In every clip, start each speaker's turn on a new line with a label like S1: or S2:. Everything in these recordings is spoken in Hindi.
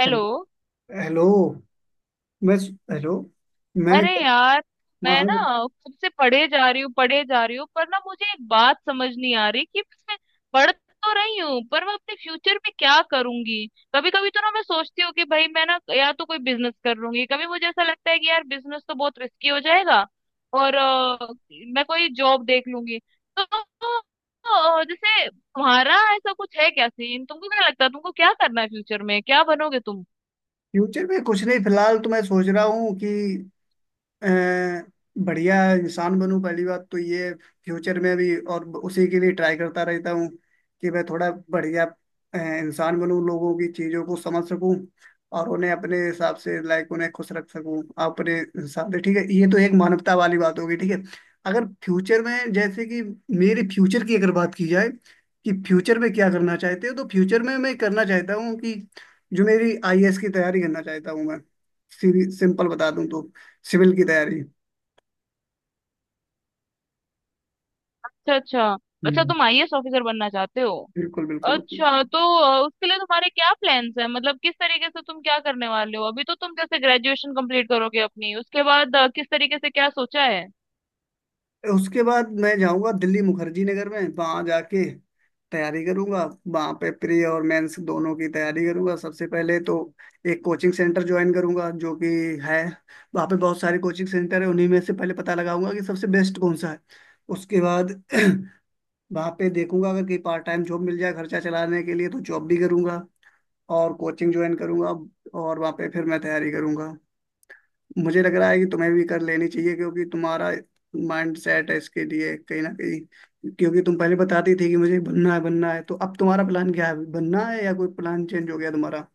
S1: हेलो।
S2: हेलो। मैं। हेलो। मैं।
S1: अरे यार,
S2: हाँ
S1: मैं ना
S2: हाँ।
S1: खुद से पढ़े जा रही हूँ पढ़े जा रही हूँ पर ना मुझे एक बात समझ नहीं आ रही कि मैं पढ़ तो रही हूँ पर मैं अपने फ्यूचर में क्या करूंगी। कभी कभी तो ना मैं सोचती हूँ कि भाई मैं ना या तो कोई बिजनेस कर लूंगी, कभी मुझे ऐसा लगता है कि यार बिजनेस तो बहुत रिस्की हो जाएगा और मैं कोई जॉब देख लूंगी। तो जैसे तुम्हारा ऐसा कुछ है क्या सीन? तुमको क्या लगता है, तुमको क्या करना है फ्यूचर में, क्या बनोगे तुम?
S2: फ्यूचर में कुछ नहीं, फिलहाल तो मैं सोच रहा हूँ कि अ, बढ़िया इंसान बनूं, पहली बात तो ये। फ्यूचर में भी और उसी के लिए ट्राई करता रहता हूँ कि मैं थोड़ा बढ़िया इंसान बनूं, लोगों की चीज़ों को समझ सकूं और उन्हें अपने हिसाब से लाइक उन्हें खुश रख सकूं अपने हिसाब से। ठीक है, ये तो एक मानवता वाली बात होगी। ठीक है, अगर फ्यूचर में जैसे कि मेरे फ्यूचर की अगर बात की जाए कि फ्यूचर में क्या करना चाहते हो, तो फ्यूचर में मैं करना चाहता हूँ कि जो मेरी आईएएस की तैयारी करना चाहता हूँ मैं, सीधी- सिंपल बता दूं तो सिविल की तैयारी।
S1: अच्छा अच्छा। अच्छा,
S2: हम्म।
S1: तुम आईएएस ऑफिसर बनना चाहते हो?
S2: बिल्कुल बिल्कुल बिल्कुल।
S1: अच्छा, तो उसके लिए तुम्हारे क्या प्लान्स हैं? मतलब किस तरीके से तुम क्या करने वाले हो? अभी तो तुम जैसे ग्रेजुएशन कंप्लीट करोगे अपनी, उसके बाद किस तरीके से क्या सोचा है?
S2: उसके बाद मैं जाऊंगा दिल्ली मुखर्जी नगर में, वहां जाके तैयारी करूंगा। वहां पे प्री और मेंस दोनों की तैयारी करूंगा। सबसे पहले तो एक कोचिंग सेंटर ज्वाइन करूंगा जो कि है। वहां पे बहुत सारे कोचिंग सेंटर है, उन्हीं में से पहले पता लगाऊंगा कि सबसे बेस्ट कौन सा है। उसके बाद वहां पे देखूंगा, अगर कहीं पार्ट टाइम जॉब मिल जाए खर्चा चलाने के लिए तो जॉब भी करूंगा और कोचिंग ज्वाइन करूंगा, और वहां पे फिर मैं तैयारी करूंगा। मुझे लग रहा है कि तुम्हें भी कर लेनी चाहिए, क्योंकि तुम्हारा माइंड सेट है इसके लिए कहीं ना कहीं, क्योंकि तुम पहले बताती थी कि मुझे बनना है बनना है। तो अब तुम्हारा प्लान क्या है? बनना है या कोई प्लान चेंज हो गया तुम्हारा?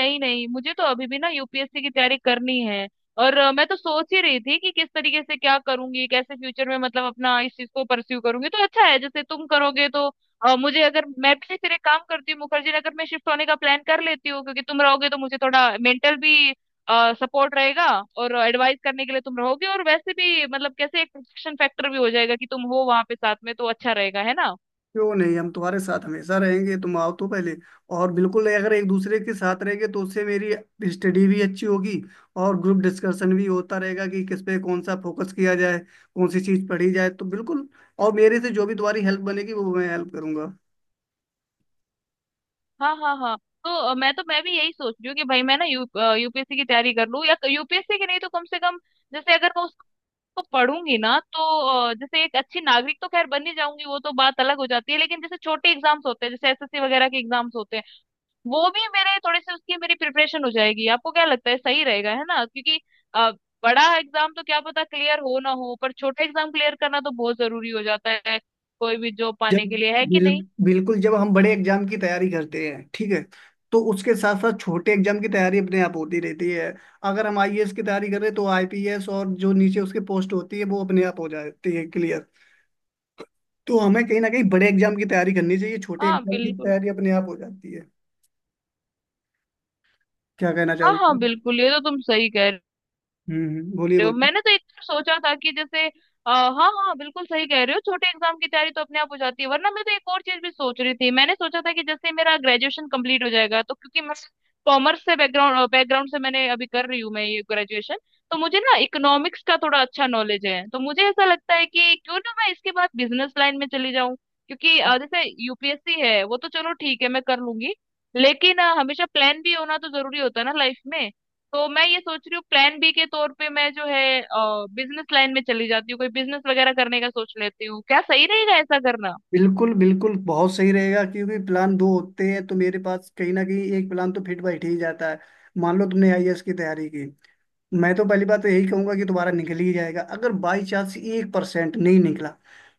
S1: नहीं नहीं, मुझे तो अभी भी ना यूपीएससी की तैयारी करनी है। और मैं तो सोच ही रही थी कि किस तरीके से क्या करूंगी, कैसे फ्यूचर में मतलब अपना इस चीज को परस्यू करूंगी, तो अच्छा है, जैसे तुम करोगे तो मुझे अगर, मैं भी फिर एक काम करती हूँ, मुखर्जी नगर में शिफ्ट होने का प्लान कर लेती हूँ, क्योंकि तुम रहोगे तो मुझे थोड़ा मेंटल भी सपोर्ट रहेगा और एडवाइस करने के लिए तुम रहोगे और वैसे भी मतलब कैसे एक प्रोटेक्शन फैक्टर भी हो जाएगा कि तुम हो वहां पे साथ में, तो अच्छा रहेगा, है ना?
S2: क्यों नहीं, हम तुम्हारे साथ हमेशा रहेंगे, तुम आओ तो पहले। और बिल्कुल, अगर एक दूसरे के साथ रहेंगे तो उससे मेरी स्टडी भी अच्छी होगी, और ग्रुप डिस्कशन भी होता रहेगा कि किस पे कौन सा फोकस किया जाए, कौन सी चीज पढ़ी जाए, तो बिल्कुल। और मेरे से जो भी तुम्हारी हेल्प बनेगी वो मैं हेल्प करूंगा।
S1: हाँ हाँ हाँ। तो मैं भी यही सोच रही हूँ कि भाई मैं ना यूपीएससी की तैयारी कर लूँ, या तो यूपीएससी की, नहीं तो कम से कम जैसे अगर मैं उसको पढ़ूंगी ना तो जैसे एक अच्छी नागरिक तो खैर बन ही जाऊंगी, वो तो बात अलग हो जाती है, लेकिन जैसे छोटे एग्जाम्स होते हैं, जैसे एसएससी वगैरह के एग्जाम्स होते हैं, वो भी मेरे थोड़े से उसकी मेरी प्रिपरेशन हो जाएगी। आपको क्या लगता है, सही रहेगा है ना? क्योंकि अ, बड़ा एग्जाम तो क्या पता क्लियर हो ना हो, पर छोटे एग्जाम क्लियर करना तो बहुत जरूरी हो जाता है कोई भी जॉब
S2: जब
S1: पाने के लिए, है कि
S2: बिल,
S1: नहीं?
S2: बिल्कुल, जब हम बड़े एग्जाम की तैयारी करते हैं, ठीक है, तो उसके साथ साथ छोटे एग्जाम की तैयारी अपने आप होती रहती है। अगर हम आईएएस की तैयारी कर रहे हैं तो आईपीएस और जो नीचे उसके पोस्ट होती है वो अपने आप हो जाती है क्लियर। तो हमें कहीं ना कहीं बड़े एग्जाम की तैयारी करनी चाहिए, छोटे
S1: हाँ
S2: एग्जाम की
S1: बिल्कुल।
S2: तैयारी अपने आप हो जाती है। क्या कहना
S1: हाँ हाँ
S2: चाहोगे?
S1: बिल्कुल, ये तो तुम सही कह रहे
S2: बोलिए
S1: हो।
S2: बोलिए।
S1: मैंने तो एक बार सोचा था कि जैसे हाँ हाँ बिल्कुल सही कह रहे हो, छोटे एग्जाम की तैयारी तो अपने आप हो जाती है। वरना मैं तो एक और चीज भी सोच रही थी, मैंने सोचा था कि जैसे मेरा ग्रेजुएशन कंप्लीट हो जाएगा, तो क्योंकि मैं कॉमर्स से बैकग्राउंड बैकग्राउंड से मैंने, अभी कर रही हूँ मैं ये ग्रेजुएशन, तो मुझे ना इकोनॉमिक्स का थोड़ा अच्छा नॉलेज है, तो मुझे ऐसा लगता है कि क्यों ना मैं इसके बाद बिजनेस लाइन में चली जाऊँ। क्योंकि जैसे यूपीएससी है वो तो चलो ठीक है मैं कर लूंगी, लेकिन हमेशा प्लान भी होना तो जरूरी होता है ना लाइफ में। तो मैं ये सोच रही हूँ, प्लान बी के तौर पे मैं जो है बिजनेस लाइन में चली जाती हूँ, कोई बिजनेस वगैरह करने का सोच लेती हूँ। क्या सही रहेगा ऐसा करना?
S2: बिल्कुल बिल्कुल बहुत सही रहेगा, क्योंकि प्लान दो होते हैं तो मेरे पास कहीं ना कहीं एक प्लान तो फिट बैठ ही जाता है। मान लो तुमने आईएएस की तैयारी की, मैं तो पहली बात तो यही कहूंगा कि तुम्हारा निकल ही जाएगा। अगर बाई चांस 1% नहीं निकला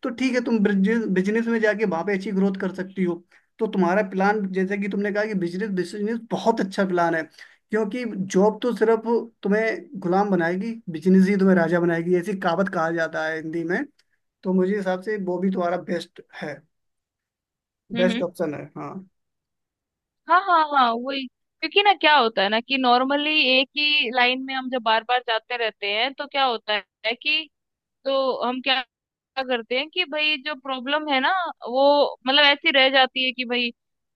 S2: तो ठीक है, तुम बिजनेस में जाके वहां पे अच्छी ग्रोथ कर सकती हो। तो तुम्हारा प्लान, जैसे कि तुमने कहा कि बिजनेस, बिजनेस बहुत अच्छा प्लान है। क्योंकि जॉब तो सिर्फ तुम्हें गुलाम बनाएगी, बिजनेस ही तुम्हें राजा बनाएगी, ऐसी कहावत कहा जाता है हिंदी में। तो मुझे हिसाब से वो भी तुम्हारा बेस्ट है, बेस्ट
S1: हम्म।
S2: ऑप्शन है। हाँ।
S1: हाँ हाँ हाँ, वही, क्योंकि ना क्या होता है ना कि नॉर्मली एक ही लाइन में हम जब बार बार जाते रहते हैं तो क्या होता है कि तो हम क्या क्या करते हैं कि भाई जो प्रॉब्लम है ना वो मतलब ऐसी रह जाती है कि भाई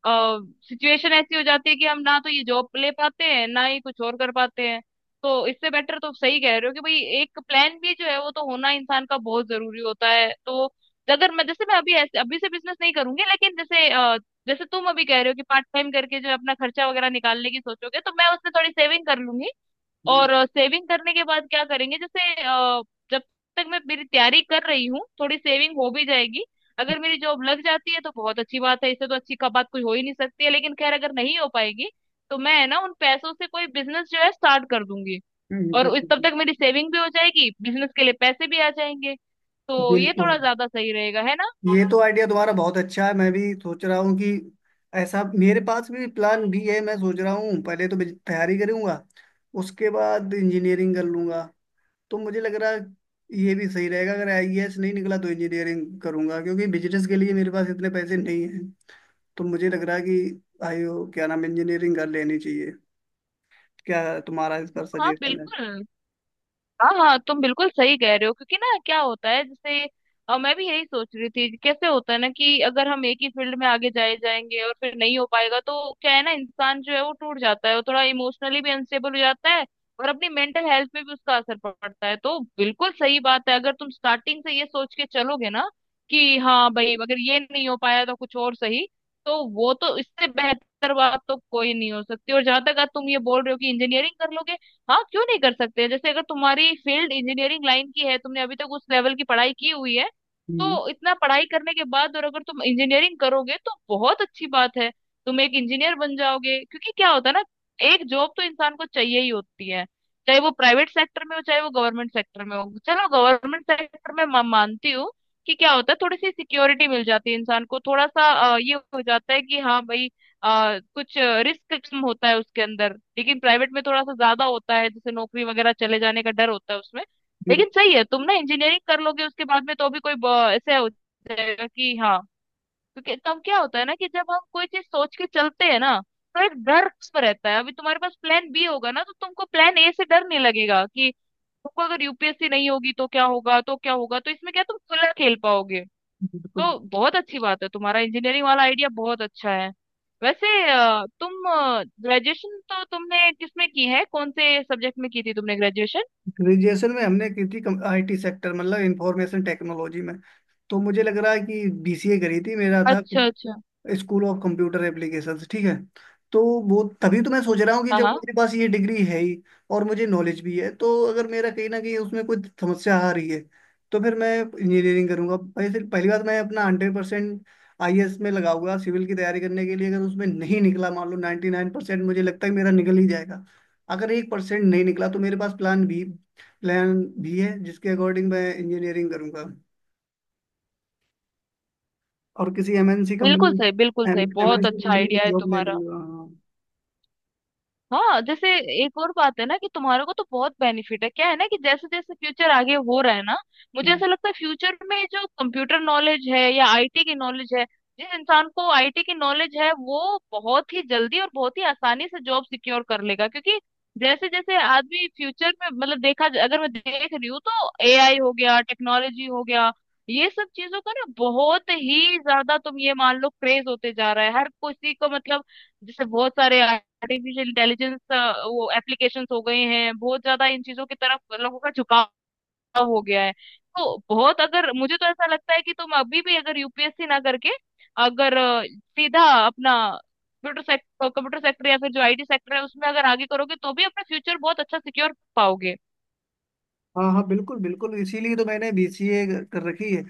S1: सिचुएशन ऐसी हो जाती है कि हम ना तो ये जॉब ले पाते हैं ना ही कुछ और कर पाते हैं। तो इससे बेटर, तो सही कह रहे हो कि भाई एक प्लान भी जो है वो तो होना इंसान का बहुत जरूरी होता है। तो अगर मैं, जैसे मैं अभी ऐसे अभी से बिजनेस नहीं करूंगी, लेकिन जैसे जैसे तुम अभी कह रहे हो कि पार्ट टाइम करके जो है अपना खर्चा वगैरह निकालने की सोचोगे, तो मैं उसमें थोड़ी सेविंग कर लूंगी।
S2: हम्म,
S1: और सेविंग करने के बाद क्या करेंगे, जैसे जब तक मैं मेरी तैयारी कर रही हूँ थोड़ी सेविंग हो भी जाएगी। अगर मेरी जॉब लग जाती है तो बहुत अच्छी बात है, इससे तो अच्छी का बात कोई हो ही नहीं सकती है, लेकिन खैर, अगर नहीं हो पाएगी तो मैं है ना उन पैसों से कोई बिजनेस जो है स्टार्ट कर दूंगी,
S2: हम्म,
S1: और उस तब तक मेरी सेविंग भी हो जाएगी, बिजनेस के लिए पैसे भी आ जाएंगे। तो ये
S2: बिल्कुल,
S1: थोड़ा ज्यादा सही रहेगा, है ना?
S2: ये तो आइडिया तुम्हारा बहुत अच्छा है। मैं भी सोच रहा हूँ कि ऐसा मेरे पास भी प्लान भी है। मैं सोच रहा हूँ पहले तो तैयारी करूँगा, उसके बाद इंजीनियरिंग कर लूँगा। तो मुझे लग रहा है ये भी सही रहेगा। अगर आईएएस नहीं निकला तो इंजीनियरिंग करूँगा, क्योंकि बिजनेस के लिए मेरे पास इतने पैसे नहीं हैं। तो मुझे लग रहा है कि आईओ क्या नाम, इंजीनियरिंग कर लेनी चाहिए। क्या तुम्हारा इस पर
S1: हाँ
S2: सजेशन है?
S1: बिल्कुल। हाँ हाँ, तुम बिल्कुल सही कह रहे हो, क्योंकि ना क्या होता है, जैसे मैं भी यही सोच रही थी, कैसे होता है ना कि अगर हम एक ही फील्ड में आगे जाएंगे और फिर नहीं हो पाएगा, तो क्या है ना इंसान जो है वो टूट जाता है, वो थोड़ा इमोशनली भी अनस्टेबल हो जाता है और अपनी मेंटल हेल्थ पे भी उसका असर पड़ता है। तो बिल्कुल सही बात है, अगर तुम स्टार्टिंग से ये सोच के चलोगे ना कि हाँ भाई अगर ये नहीं हो पाया तो कुछ और सही, तो वो तो इससे बेहतर बात तो कोई नहीं हो सकती। और जहां तक आज तुम ये बोल रहे हो कि इंजीनियरिंग कर लोगे, हाँ क्यों नहीं कर सकते, जैसे अगर तुम्हारी फील्ड इंजीनियरिंग लाइन की है, तुमने अभी तक उस लेवल की पढ़ाई की हुई है,
S2: हम्म,
S1: तो इतना पढ़ाई करने के बाद और अगर तुम इंजीनियरिंग करोगे तो बहुत अच्छी बात है, तुम एक इंजीनियर बन जाओगे। क्योंकि क्या होता है ना, एक जॉब तो इंसान को चाहिए ही होती है, चाहे वो प्राइवेट सेक्टर में हो चाहे वो गवर्नमेंट सेक्टर में हो। चलो गवर्नमेंट सेक्टर में मैं मानती हूँ कि क्या होता है, थोड़ी सी सिक्योरिटी मिल जाती है इंसान को, थोड़ा सा ये हो जाता है कि हाँ भाई कुछ रिस्क कम होता है उसके अंदर, लेकिन प्राइवेट में थोड़ा सा ज्यादा होता है, जैसे नौकरी वगैरह चले जाने का डर होता है उसमें। लेकिन सही है, तुम ना इंजीनियरिंग कर लोगे उसके बाद में, तो भी कोई ऐसे हो जाएगा कि हाँ, क्योंकि तब क्या होता है ना कि जब हम कोई चीज सोच के चलते हैं ना तो एक डर पर रहता है। अभी तुम्हारे पास प्लान बी होगा ना तो तुमको प्लान ए से डर नहीं लगेगा कि तुमको अगर यूपीएससी नहीं होगी तो क्या होगा तो क्या होगा, तो इसमें क्या तुम खुला खेल पाओगे।
S2: बिल्कुल।
S1: तो बहुत अच्छी बात है, तुम्हारा इंजीनियरिंग वाला आइडिया बहुत अच्छा है। वैसे तुम ग्रेजुएशन तो तुमने किसमें की है, कौन से सब्जेक्ट में की थी तुमने ग्रेजुएशन?
S2: ग्रेजुएशन में हमने की थी आईटी सेक्टर, मतलब इंफॉर्मेशन टेक्नोलॉजी में। तो मुझे लग रहा है कि बीसीए करी थी मेरा था,
S1: अच्छा अच्छा।
S2: स्कूल ऑफ कंप्यूटर एप्लीकेशंस, ठीक है। तो वो तभी तो मैं सोच रहा हूँ कि
S1: हाँ
S2: जब
S1: हाँ
S2: मेरे पास ये डिग्री है ही और मुझे नॉलेज भी है, तो अगर मेरा कहीं ना कहीं उसमें कोई समस्या आ रही है तो फिर मैं इंजीनियरिंग करूंगा। पहले पहली बात, मैं अपना 100% आईएएस में लगाऊंगा, सिविल की तैयारी करने के लिए। अगर उसमें नहीं निकला, मान लो 99% मुझे लगता है मेरा निकल ही जाएगा। अगर 1% नहीं निकला, तो मेरे पास प्लान बी, प्लान भी है जिसके अकॉर्डिंग मैं इंजीनियरिंग करूंगा, और किसी एमएनसी
S1: बिल्कुल
S2: कंपनी,
S1: सही, बिल्कुल सही, बहुत
S2: एमएनसी
S1: अच्छा
S2: कंपनी में
S1: आइडिया है
S2: जॉब ले
S1: तुम्हारा।
S2: लूंगा। हाँ।
S1: हाँ जैसे एक और बात है ना कि तुम्हारे को तो बहुत बेनिफिट है, क्या है ना कि जैसे जैसे फ्यूचर आगे हो रहा है ना, मुझे
S2: हम्म।
S1: ऐसा लगता है फ्यूचर में जो कंप्यूटर नॉलेज है या आईटी की नॉलेज है, जिस इंसान को आईटी की नॉलेज है वो बहुत ही जल्दी और बहुत ही आसानी से जॉब सिक्योर कर लेगा। क्योंकि जैसे जैसे आदमी फ्यूचर में, मतलब देखा अगर मैं देख रही हूँ तो एआई हो गया, टेक्नोलॉजी हो गया, ये सब चीजों का ना बहुत ही ज्यादा, तुम ये मान लो, क्रेज होते जा रहा है हर किसी को। मतलब जैसे बहुत सारे आर्टिफिशियल इंटेलिजेंस वो एप्लीकेशंस हो गए हैं, बहुत ज्यादा इन चीजों की तरफ लोगों का झुकाव हो गया है। तो बहुत, अगर मुझे तो ऐसा लगता है कि तुम अभी भी अगर यूपीएससी ना करके अगर सीधा अपना कंप्यूटर सेक्टर या फिर जो आईटी सेक्टर है उसमें अगर आगे करोगे तो भी अपना फ्यूचर बहुत अच्छा सिक्योर पाओगे।
S2: हाँ हाँ बिल्कुल बिल्कुल, इसीलिए तो मैंने बीसीए कर रखी है।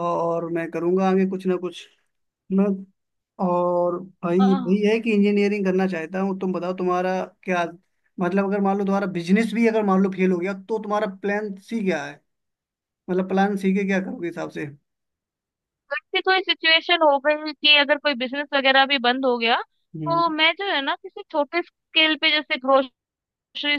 S2: और मैं करूंगा आगे कुछ ना कुछ। मैं और भाई
S1: आह,
S2: भाई है कि इंजीनियरिंग करना चाहता हूँ। तुम बताओ, तुम्हारा क्या, मतलब अगर मान लो तुम्हारा बिजनेस भी अगर मान लो फेल हो गया तो तुम्हारा प्लान सी क्या है? मतलब प्लान सी के क्या करोगे हिसाब से?
S1: ऐसी कोई सिचुएशन हो गई कि अगर कोई बिजनेस वगैरह भी बंद हो गया,
S2: हम्म।
S1: तो मैं जो है ना किसी छोटे स्केल पे, जैसे ग्रोसरी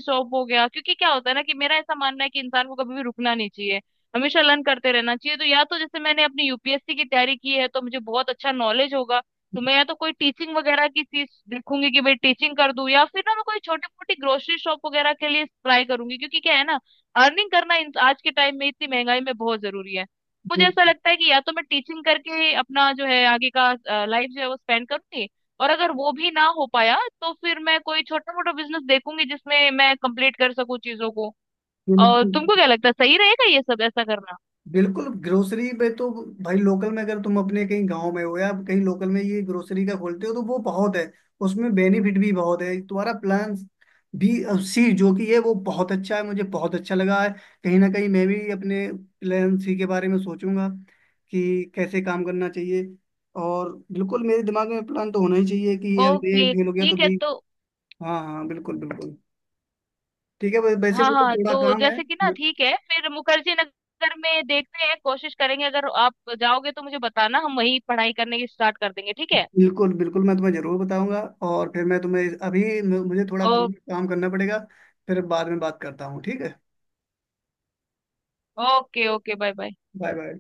S1: शॉप हो गया, क्योंकि क्या होता है ना कि मेरा ऐसा मानना है कि इंसान को कभी भी रुकना नहीं चाहिए, हमेशा लर्न करते रहना चाहिए। तो या तो जैसे मैंने अपनी यूपीएससी की तैयारी की है तो मुझे बहुत अच्छा नॉलेज होगा, तो मैं या तो कोई टीचिंग वगैरह की चीज देखूंगी कि भाई टीचिंग कर दूं, या फिर ना मैं कोई छोटी मोटी ग्रोसरी शॉप वगैरह के लिए ट्राई करूंगी। क्योंकि क्या है ना, अर्निंग करना आज के टाइम में इतनी महंगाई में बहुत जरूरी है। मुझे ऐसा लगता है कि या तो मैं टीचिंग करके अपना जो है आगे का लाइफ जो है वो स्पेंड करूंगी, और अगर वो भी ना हो पाया तो फिर मैं कोई छोटा मोटा बिजनेस देखूंगी जिसमें मैं कंप्लीट कर सकूं चीजों को। और
S2: बिल्कुल
S1: तुमको क्या लगता है, सही रहेगा ये सब ऐसा करना?
S2: बिल्कुल, ग्रोसरी पे तो भाई, लोकल में अगर तुम अपने कहीं गांव में हो या कहीं लोकल में ये ग्रोसरी का खोलते हो, तो वो बहुत है, उसमें बेनिफिट भी बहुत है। तुम्हारा प्लान बी, सी जो कि है वो बहुत अच्छा है, मुझे बहुत अच्छा लगा है। कहीं ना कहीं मैं भी अपने प्लान सी के बारे में सोचूंगा कि कैसे काम करना चाहिए। और बिल्कुल मेरे दिमाग में प्लान तो होना ही चाहिए कि ये, अगर ये
S1: ओके
S2: फेल हो गया तो
S1: ठीक है।
S2: बी।
S1: तो
S2: हाँ हाँ बिल्कुल बिल्कुल। ठीक है, वैसे
S1: हाँ
S2: मुझे
S1: हाँ,
S2: थोड़ा
S1: तो
S2: काम है।
S1: जैसे कि ना ठीक है, फिर मुखर्जी नगर में देखते हैं, कोशिश करेंगे, अगर आप जाओगे तो मुझे बताना, हम वहीं पढ़ाई करने की स्टार्ट कर देंगे ठीक है?
S2: बिल्कुल बिल्कुल, मैं तुम्हें जरूर बताऊंगा। और फिर मैं तुम्हें अभी, मुझे थोड़ा काम
S1: ओ,
S2: काम करना पड़ेगा। फिर बाद में बात करता हूँ, ठीक है।
S1: Okay okay bye bye.
S2: Bye bye.